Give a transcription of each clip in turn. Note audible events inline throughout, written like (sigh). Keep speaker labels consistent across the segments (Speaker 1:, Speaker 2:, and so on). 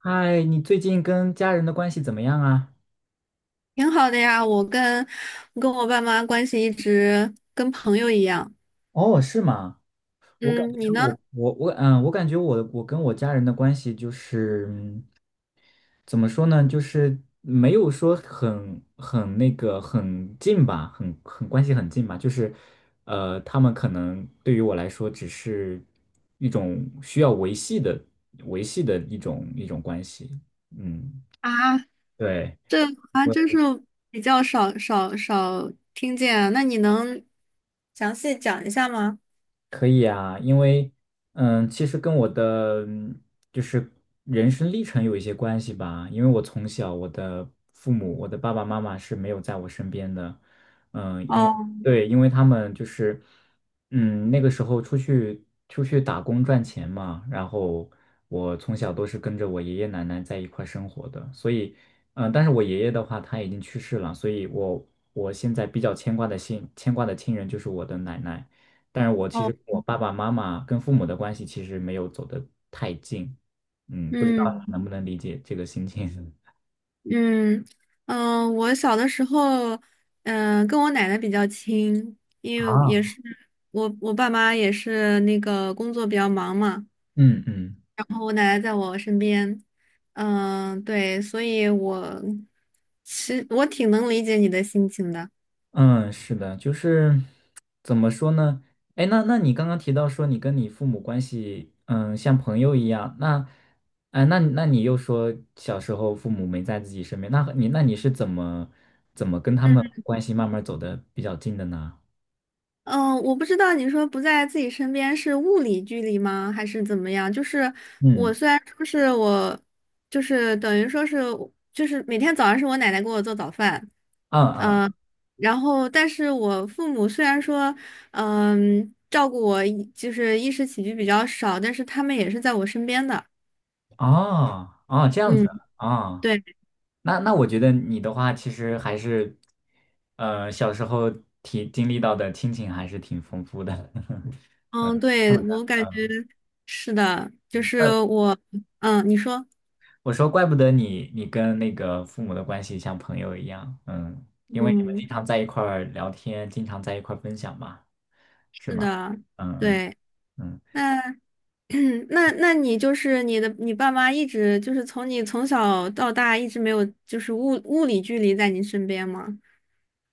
Speaker 1: 嗨，你最近跟家人的关系怎么样啊？
Speaker 2: 挺好的呀，我跟我爸妈关系一直跟朋友一样。
Speaker 1: 哦，是吗？我感
Speaker 2: 嗯，
Speaker 1: 觉
Speaker 2: 你呢？
Speaker 1: 我感觉我跟我家人的关系就是,怎么说呢，就是没有说很很近吧，关系很近吧，就是他们可能对于我来说只是一种需要维系的维系的一种关系，嗯，
Speaker 2: 啊，
Speaker 1: 对。
Speaker 2: 这啊，
Speaker 1: 我。
Speaker 2: 真是比较少听见啊，那你能详细讲一下吗？
Speaker 1: 可以啊，因为其实跟我的就是人生历程有一些关系吧。因为我从小我的父母，我的爸爸妈妈是没有在我身边的，嗯，因为
Speaker 2: 哦
Speaker 1: 对，因为他们就是那个时候出去打工赚钱嘛，然后我从小都是跟着我爷爷奶奶在一块儿生活的，所以但是我爷爷的话他已经去世了，所以我现在比较牵挂的亲人就是我的奶奶。但是我其实
Speaker 2: 哦，
Speaker 1: 跟我爸爸妈妈跟父母的关系其实没有走得太近，嗯，不知道
Speaker 2: 嗯
Speaker 1: 你能不能理解这个心情 (laughs)
Speaker 2: 嗯嗯，我小的时候，嗯，跟我奶奶比较亲，因为也
Speaker 1: 啊？
Speaker 2: 是我爸妈也是那个工作比较忙嘛。
Speaker 1: 嗯嗯
Speaker 2: 然后我奶奶在我身边，嗯，对，所以我其实我挺能理解你的心情的。
Speaker 1: 嗯，是的，就是怎么说呢？哎，那你刚刚提到说你跟你父母关系，嗯，像朋友一样，那，哎，那你又说小时候父母没在自己身边，那你是怎么跟他们
Speaker 2: 嗯，
Speaker 1: 关系慢慢走的比较近的呢？
Speaker 2: 嗯，我不知道你说不在自己身边是物理距离吗，还是怎么样？就是我
Speaker 1: 嗯，
Speaker 2: 虽然说是我，就是等于说是就是每天早上是我奶奶给我做早饭，
Speaker 1: 啊啊
Speaker 2: 嗯、然后但是我父母虽然说嗯照顾我，就是衣食起居比较少，但是他们也是在我身边的。
Speaker 1: 啊啊，这样子
Speaker 2: 嗯。
Speaker 1: 啊。哦，
Speaker 2: 对。
Speaker 1: 那我觉得你的话，其实还是，小时候体经历到的亲情还是挺丰富的。
Speaker 2: 嗯，对，我
Speaker 1: (laughs)
Speaker 2: 感觉是的，就是我，嗯，你说，
Speaker 1: 我说，怪不得你跟那个父母的关系像朋友一样，嗯，因为你们经
Speaker 2: 嗯，
Speaker 1: 常在一块儿聊天，经常在一块儿分享嘛，是
Speaker 2: 是
Speaker 1: 吗？
Speaker 2: 的，
Speaker 1: 嗯嗯
Speaker 2: 对，
Speaker 1: 嗯。
Speaker 2: 那 (clears throat) 那那你就是你的，你爸妈一直就是从你从小到大一直没有就是物理距离在你身边吗？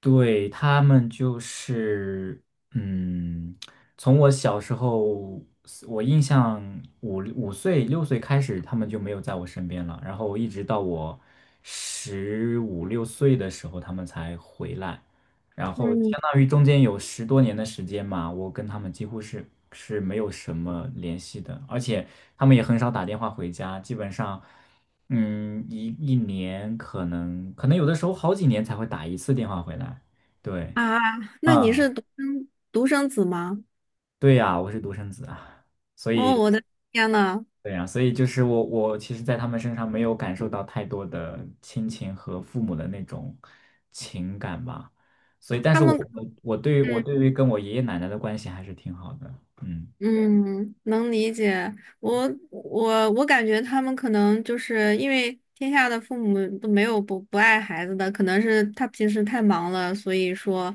Speaker 1: 对，他们就是，嗯，从我小时候，我印象五岁六岁开始，他们就没有在我身边了。然后一直到我十五六岁的时候，他们才回来。然后
Speaker 2: 嗯，
Speaker 1: 相当于中间有十多年的时间嘛，我跟他们几乎是是没有什么联系的，而且他们也很少打电话回家，基本上。嗯，一年可能有的时候好几年才会打一次电话回来。对，
Speaker 2: 啊，那你是
Speaker 1: 啊，
Speaker 2: 独生子吗？
Speaker 1: 对呀，我是独生子啊，所
Speaker 2: 哦，
Speaker 1: 以
Speaker 2: 我的天呐。
Speaker 1: 对呀，所以就是我其实，在他们身上没有感受到太多的亲情和父母的那种情感吧。所以，但
Speaker 2: 他
Speaker 1: 是我
Speaker 2: 们，
Speaker 1: 我我对于我
Speaker 2: 嗯，
Speaker 1: 对于跟我爷爷奶奶的关系还是挺好的。嗯
Speaker 2: 嗯，能理解。我我感觉他们可能就是因为天下的父母都没有不爱孩子的，可能是他平时太忙了，所以说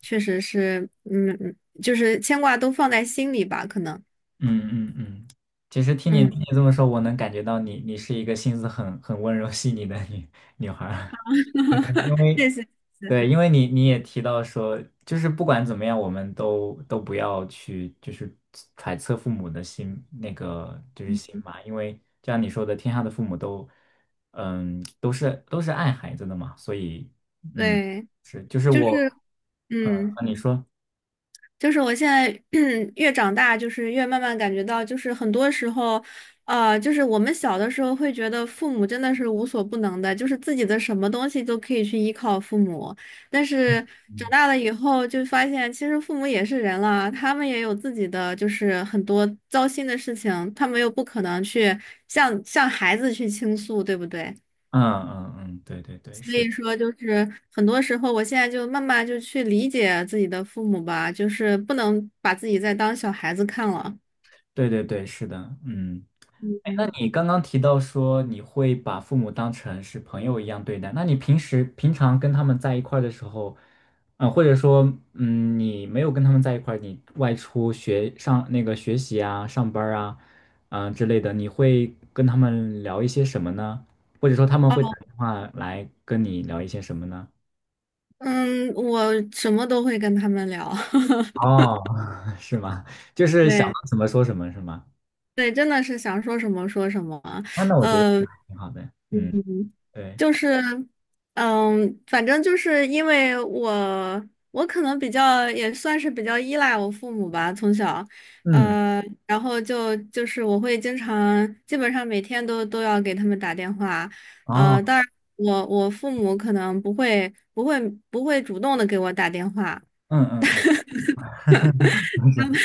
Speaker 2: 确实是，嗯，嗯，就是牵挂都放在心里吧，可能。
Speaker 1: 嗯嗯，嗯，其实
Speaker 2: 嗯，
Speaker 1: 听你这么说，我能感觉到你是一个心思很温柔细腻的女孩儿。因
Speaker 2: (laughs)
Speaker 1: 为
Speaker 2: 谢谢，谢谢。
Speaker 1: 对，因为你也提到说，就是不管怎么样，我们都不要去就是揣测父母的心，那个就是心嘛，因为就像你说的，天下的父母都，嗯，都是爱孩子的嘛，所以，嗯，
Speaker 2: 对，
Speaker 1: 是，就是
Speaker 2: 就
Speaker 1: 我，
Speaker 2: 是
Speaker 1: 呃，
Speaker 2: 嗯。
Speaker 1: 你说，
Speaker 2: 就是我现在 (clears throat) 越长大，就是越慢慢感觉到，就是很多时候，就是我们小的时候会觉得父母真的是无所不能的，就是自己的什么东西都可以去依靠父母。但是长
Speaker 1: 嗯
Speaker 2: 大了以后，就发现其实父母也是人了，他们也有自己的就是很多糟心的事情，他们又不可能去向孩子去倾诉，对不对？
Speaker 1: 嗯嗯，嗯，对对对，
Speaker 2: 所
Speaker 1: 是。
Speaker 2: 以说，就是很多时候，我现在就慢慢就去理解自己的父母吧，就是不能把自己再当小孩子看了。
Speaker 1: 对对对，是的，嗯。哎，那
Speaker 2: 嗯，
Speaker 1: 你刚刚提到说你会把父母当成是朋友一样对待，那你平时平常跟他们在一块儿的时候，嗯、或者说，嗯，你没有跟他们在一块儿，你外出学上那个学习啊、上班儿啊，嗯、之类的，你会跟他们聊一些什么呢？或者说他们会打
Speaker 2: 哦，
Speaker 1: 电话来跟你聊一些什么呢？
Speaker 2: 嗯，我什么都会跟他们聊。(laughs)
Speaker 1: 哦，(laughs) 是吗？就是想到
Speaker 2: 对，
Speaker 1: 什么说什么是吗？
Speaker 2: 对，真的是想说什么说什么。
Speaker 1: 啊，那我觉得
Speaker 2: 呃。
Speaker 1: 挺好的，嗯，
Speaker 2: 嗯，
Speaker 1: 对。
Speaker 2: 就是，嗯，反正就是因为我，我可能比较也算是比较依赖我父母吧，从小，
Speaker 1: 嗯。
Speaker 2: 然后就是我会经常，基本上每天都都要给他们打电话，
Speaker 1: 哦，
Speaker 2: 当然我父母可能不会主动的给我打电话，
Speaker 1: 嗯嗯嗯，(laughs)
Speaker 2: 他
Speaker 1: 是，
Speaker 2: 们，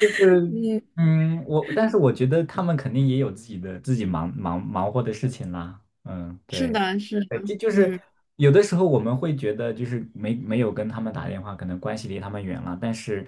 Speaker 1: 就
Speaker 2: (laughs)
Speaker 1: 是
Speaker 2: 嗯，
Speaker 1: 嗯，我但是我觉得他们肯定也有自己的忙活的事情啦，嗯，
Speaker 2: 是
Speaker 1: 对，
Speaker 2: 的，是的，
Speaker 1: 对，这就是
Speaker 2: 嗯。
Speaker 1: 有的时候我们会觉得就是没有跟他们打电话，可能关系离他们远了，但是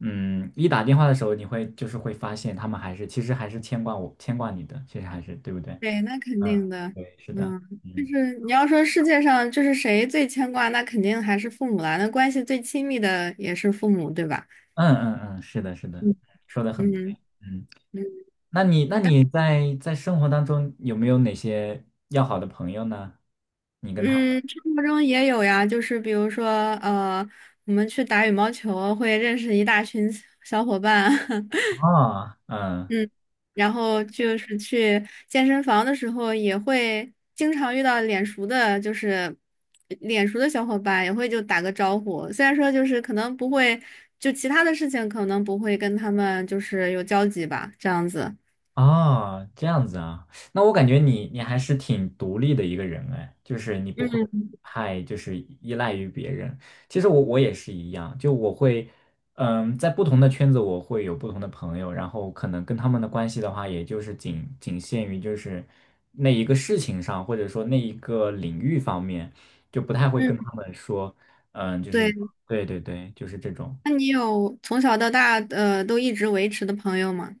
Speaker 1: 嗯，一打电话的时候，你会就是会发现他们还是其实还是牵挂你的，其实还是对不对？
Speaker 2: 对，那肯
Speaker 1: 嗯，
Speaker 2: 定的，
Speaker 1: 对，是的，
Speaker 2: 嗯，就
Speaker 1: 嗯
Speaker 2: 是你要说世界上就是谁最牵挂，那肯定还是父母啦，那关系最亲密的也是父母，对吧？
Speaker 1: 嗯嗯，嗯，是的，是的，
Speaker 2: 嗯
Speaker 1: 说的很对，
Speaker 2: 嗯
Speaker 1: 嗯。
Speaker 2: 嗯，
Speaker 1: 那你在在生活当中有没有哪些要好的朋友呢？你跟他们
Speaker 2: 嗯，生活中也有呀，就是比如说呃，我们去打羽毛球会认识一大群小伙伴。(laughs)
Speaker 1: 哦，嗯。
Speaker 2: 嗯，然后就是去健身房的时候，也会经常遇到脸熟的，就是脸熟的小伙伴，也会就打个招呼。虽然说就是可能不会，就其他的事情可能不会跟他们就是有交集吧，这样子。
Speaker 1: 啊，这样子啊，那我感觉你还是挺独立的一个人哎，就是你不会
Speaker 2: 嗯
Speaker 1: 太就是依赖于别人。其实我也是一样，就我会，嗯，在不同的圈子我会有不同的朋友，然后可能跟他们的关系的话，也就是仅仅限于就是那一个事情上，或者说那一个领域方面，就不太会
Speaker 2: 嗯，
Speaker 1: 跟他们说，嗯，就是
Speaker 2: 对。
Speaker 1: 对对对，就是这种。
Speaker 2: 那你有从小到大都一直维持的朋友吗？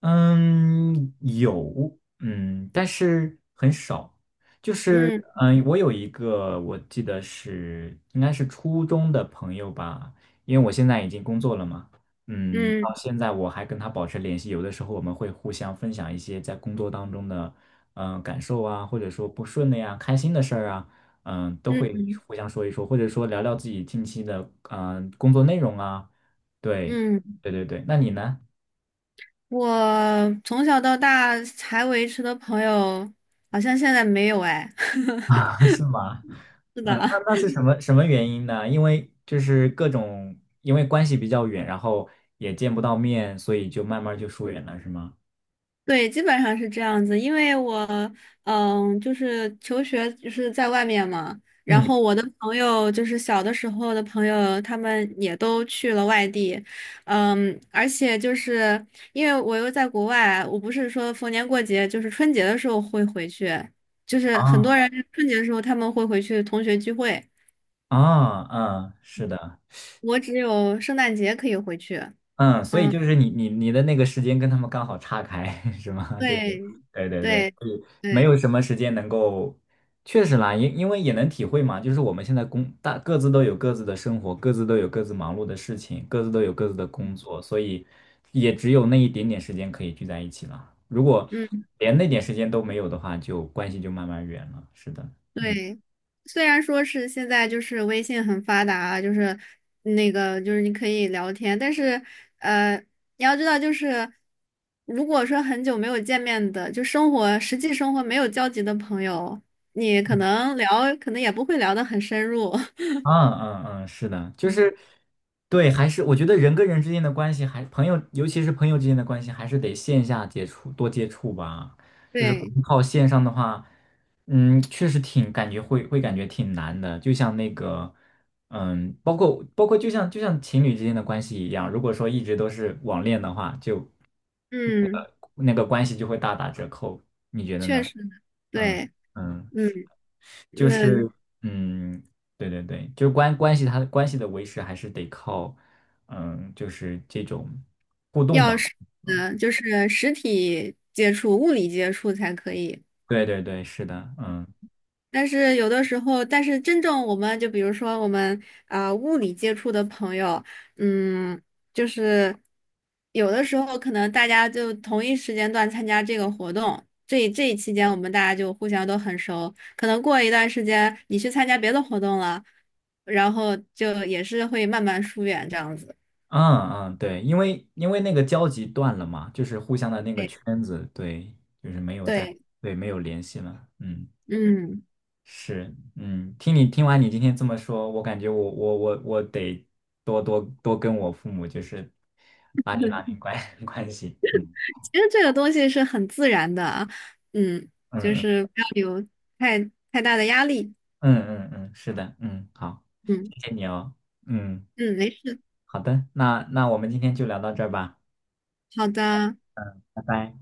Speaker 1: 嗯，有，嗯，但是很少。就是，
Speaker 2: 嗯
Speaker 1: 嗯，我有一个，我记得是应该是初中的朋友吧，因为我现在已经工作了嘛，嗯，
Speaker 2: 嗯
Speaker 1: 到现在我还跟他保持联系，有的时候我们会互相分享一些在工作当中的，嗯，感受啊，或者说不顺的呀、开心的事儿啊，嗯，都会
Speaker 2: 嗯，
Speaker 1: 互相说一说，或者说聊聊自己近期的，嗯，工作内容啊，对，
Speaker 2: 嗯，
Speaker 1: 对对对，那你呢？
Speaker 2: 我从小到大还维持的朋友，好像现在没有哎。
Speaker 1: (laughs)
Speaker 2: (laughs)
Speaker 1: 啊，是吗？
Speaker 2: 是
Speaker 1: 嗯，
Speaker 2: 的，
Speaker 1: 那
Speaker 2: (laughs)
Speaker 1: 那是什么原因呢？因为就是各种，因为关系比较远，然后也见不到面，所以就慢慢就疏远了，是吗？
Speaker 2: 对，基本上是这样子。因为我，嗯，就是求学就是在外面嘛，然
Speaker 1: 嗯，
Speaker 2: 后我的朋友就是小的时候的朋友，他们也都去了外地，嗯，而且就是因为我又在国外，我不是说逢年过节，就是春节的时候会回去，就是很多
Speaker 1: 啊
Speaker 2: 人春节的时候他们会回去同学聚会，
Speaker 1: 啊，嗯，是的，
Speaker 2: 我只有圣诞节可以回去。
Speaker 1: 嗯，所以
Speaker 2: 嗯，
Speaker 1: 就是你的那个时间跟他们刚好岔开，(laughs) 是吗？就是，
Speaker 2: 对，
Speaker 1: 对对对，
Speaker 2: 对，
Speaker 1: 就以没
Speaker 2: 对。
Speaker 1: 有什么时间能够，确实啦，因为也能体会嘛，就是我们现在工大各自都有各自的生活，各自都有各自忙碌的事情，各自都有各自的工作，所以也只有那一点点时间可以聚在一起了。如果
Speaker 2: 嗯。
Speaker 1: 连那点时间都没有的话，就关系就慢慢远了。是的，嗯
Speaker 2: 对，虽然说是现在就是微信很发达啊，就是那个就是你可以聊天，但是呃，你要知道就是，如果说很久没有见面的，就生活实际生活没有交集的朋友，你可能聊，可能也不会聊得很深入。(laughs)
Speaker 1: 嗯嗯，嗯，是的，就是对，还是我觉得人跟人之间的关系还，朋友，尤其是朋友之间的关系，还是得线下接触多接触吧。就是光
Speaker 2: 对，
Speaker 1: 靠线上的话，嗯，确实挺感觉会感觉挺难的。就像那个，嗯，包括就像情侣之间的关系一样，如果说一直都是网恋的话，就
Speaker 2: 嗯，
Speaker 1: 那个关系就会大打折扣。你觉得
Speaker 2: 确
Speaker 1: 呢？
Speaker 2: 实，
Speaker 1: 嗯
Speaker 2: 对，
Speaker 1: 嗯。
Speaker 2: 嗯，
Speaker 1: 就
Speaker 2: 那
Speaker 1: 是嗯，对对对，就是关系他的关系的维持还是得靠嗯，就是这种互动嘛。
Speaker 2: 要是嗯，就是实体接触、物理接触才可以。
Speaker 1: 对对对，是的，嗯
Speaker 2: 但是有的时候，但是真正我们就比如说我们啊、物理接触的朋友，嗯，就是有的时候可能大家就同一时间段参加这个活动，这一期间我们大家就互相都很熟，可能过一段时间你去参加别的活动了，然后就也是会慢慢疏远这样子。
Speaker 1: 嗯嗯，对，因为那个交集断了嘛，就是互相的那个
Speaker 2: 对
Speaker 1: 圈子，对，就是没有在，
Speaker 2: 对，
Speaker 1: 对，没有联系了，嗯。
Speaker 2: 嗯，
Speaker 1: 是，嗯，听完你今天这么说，我感觉我得多跟我父母就是拉近关 (laughs) 关系，嗯
Speaker 2: 其实这个东西是很自然的啊，嗯，
Speaker 1: 嗯
Speaker 2: 就
Speaker 1: 嗯
Speaker 2: 是不要有太太大的压力，
Speaker 1: 嗯嗯嗯，是的，嗯，好，
Speaker 2: 嗯。
Speaker 1: 谢谢你哦，嗯，
Speaker 2: 嗯，没事，
Speaker 1: 好的，那我们今天就聊到这儿吧，
Speaker 2: 好的，
Speaker 1: 拜拜。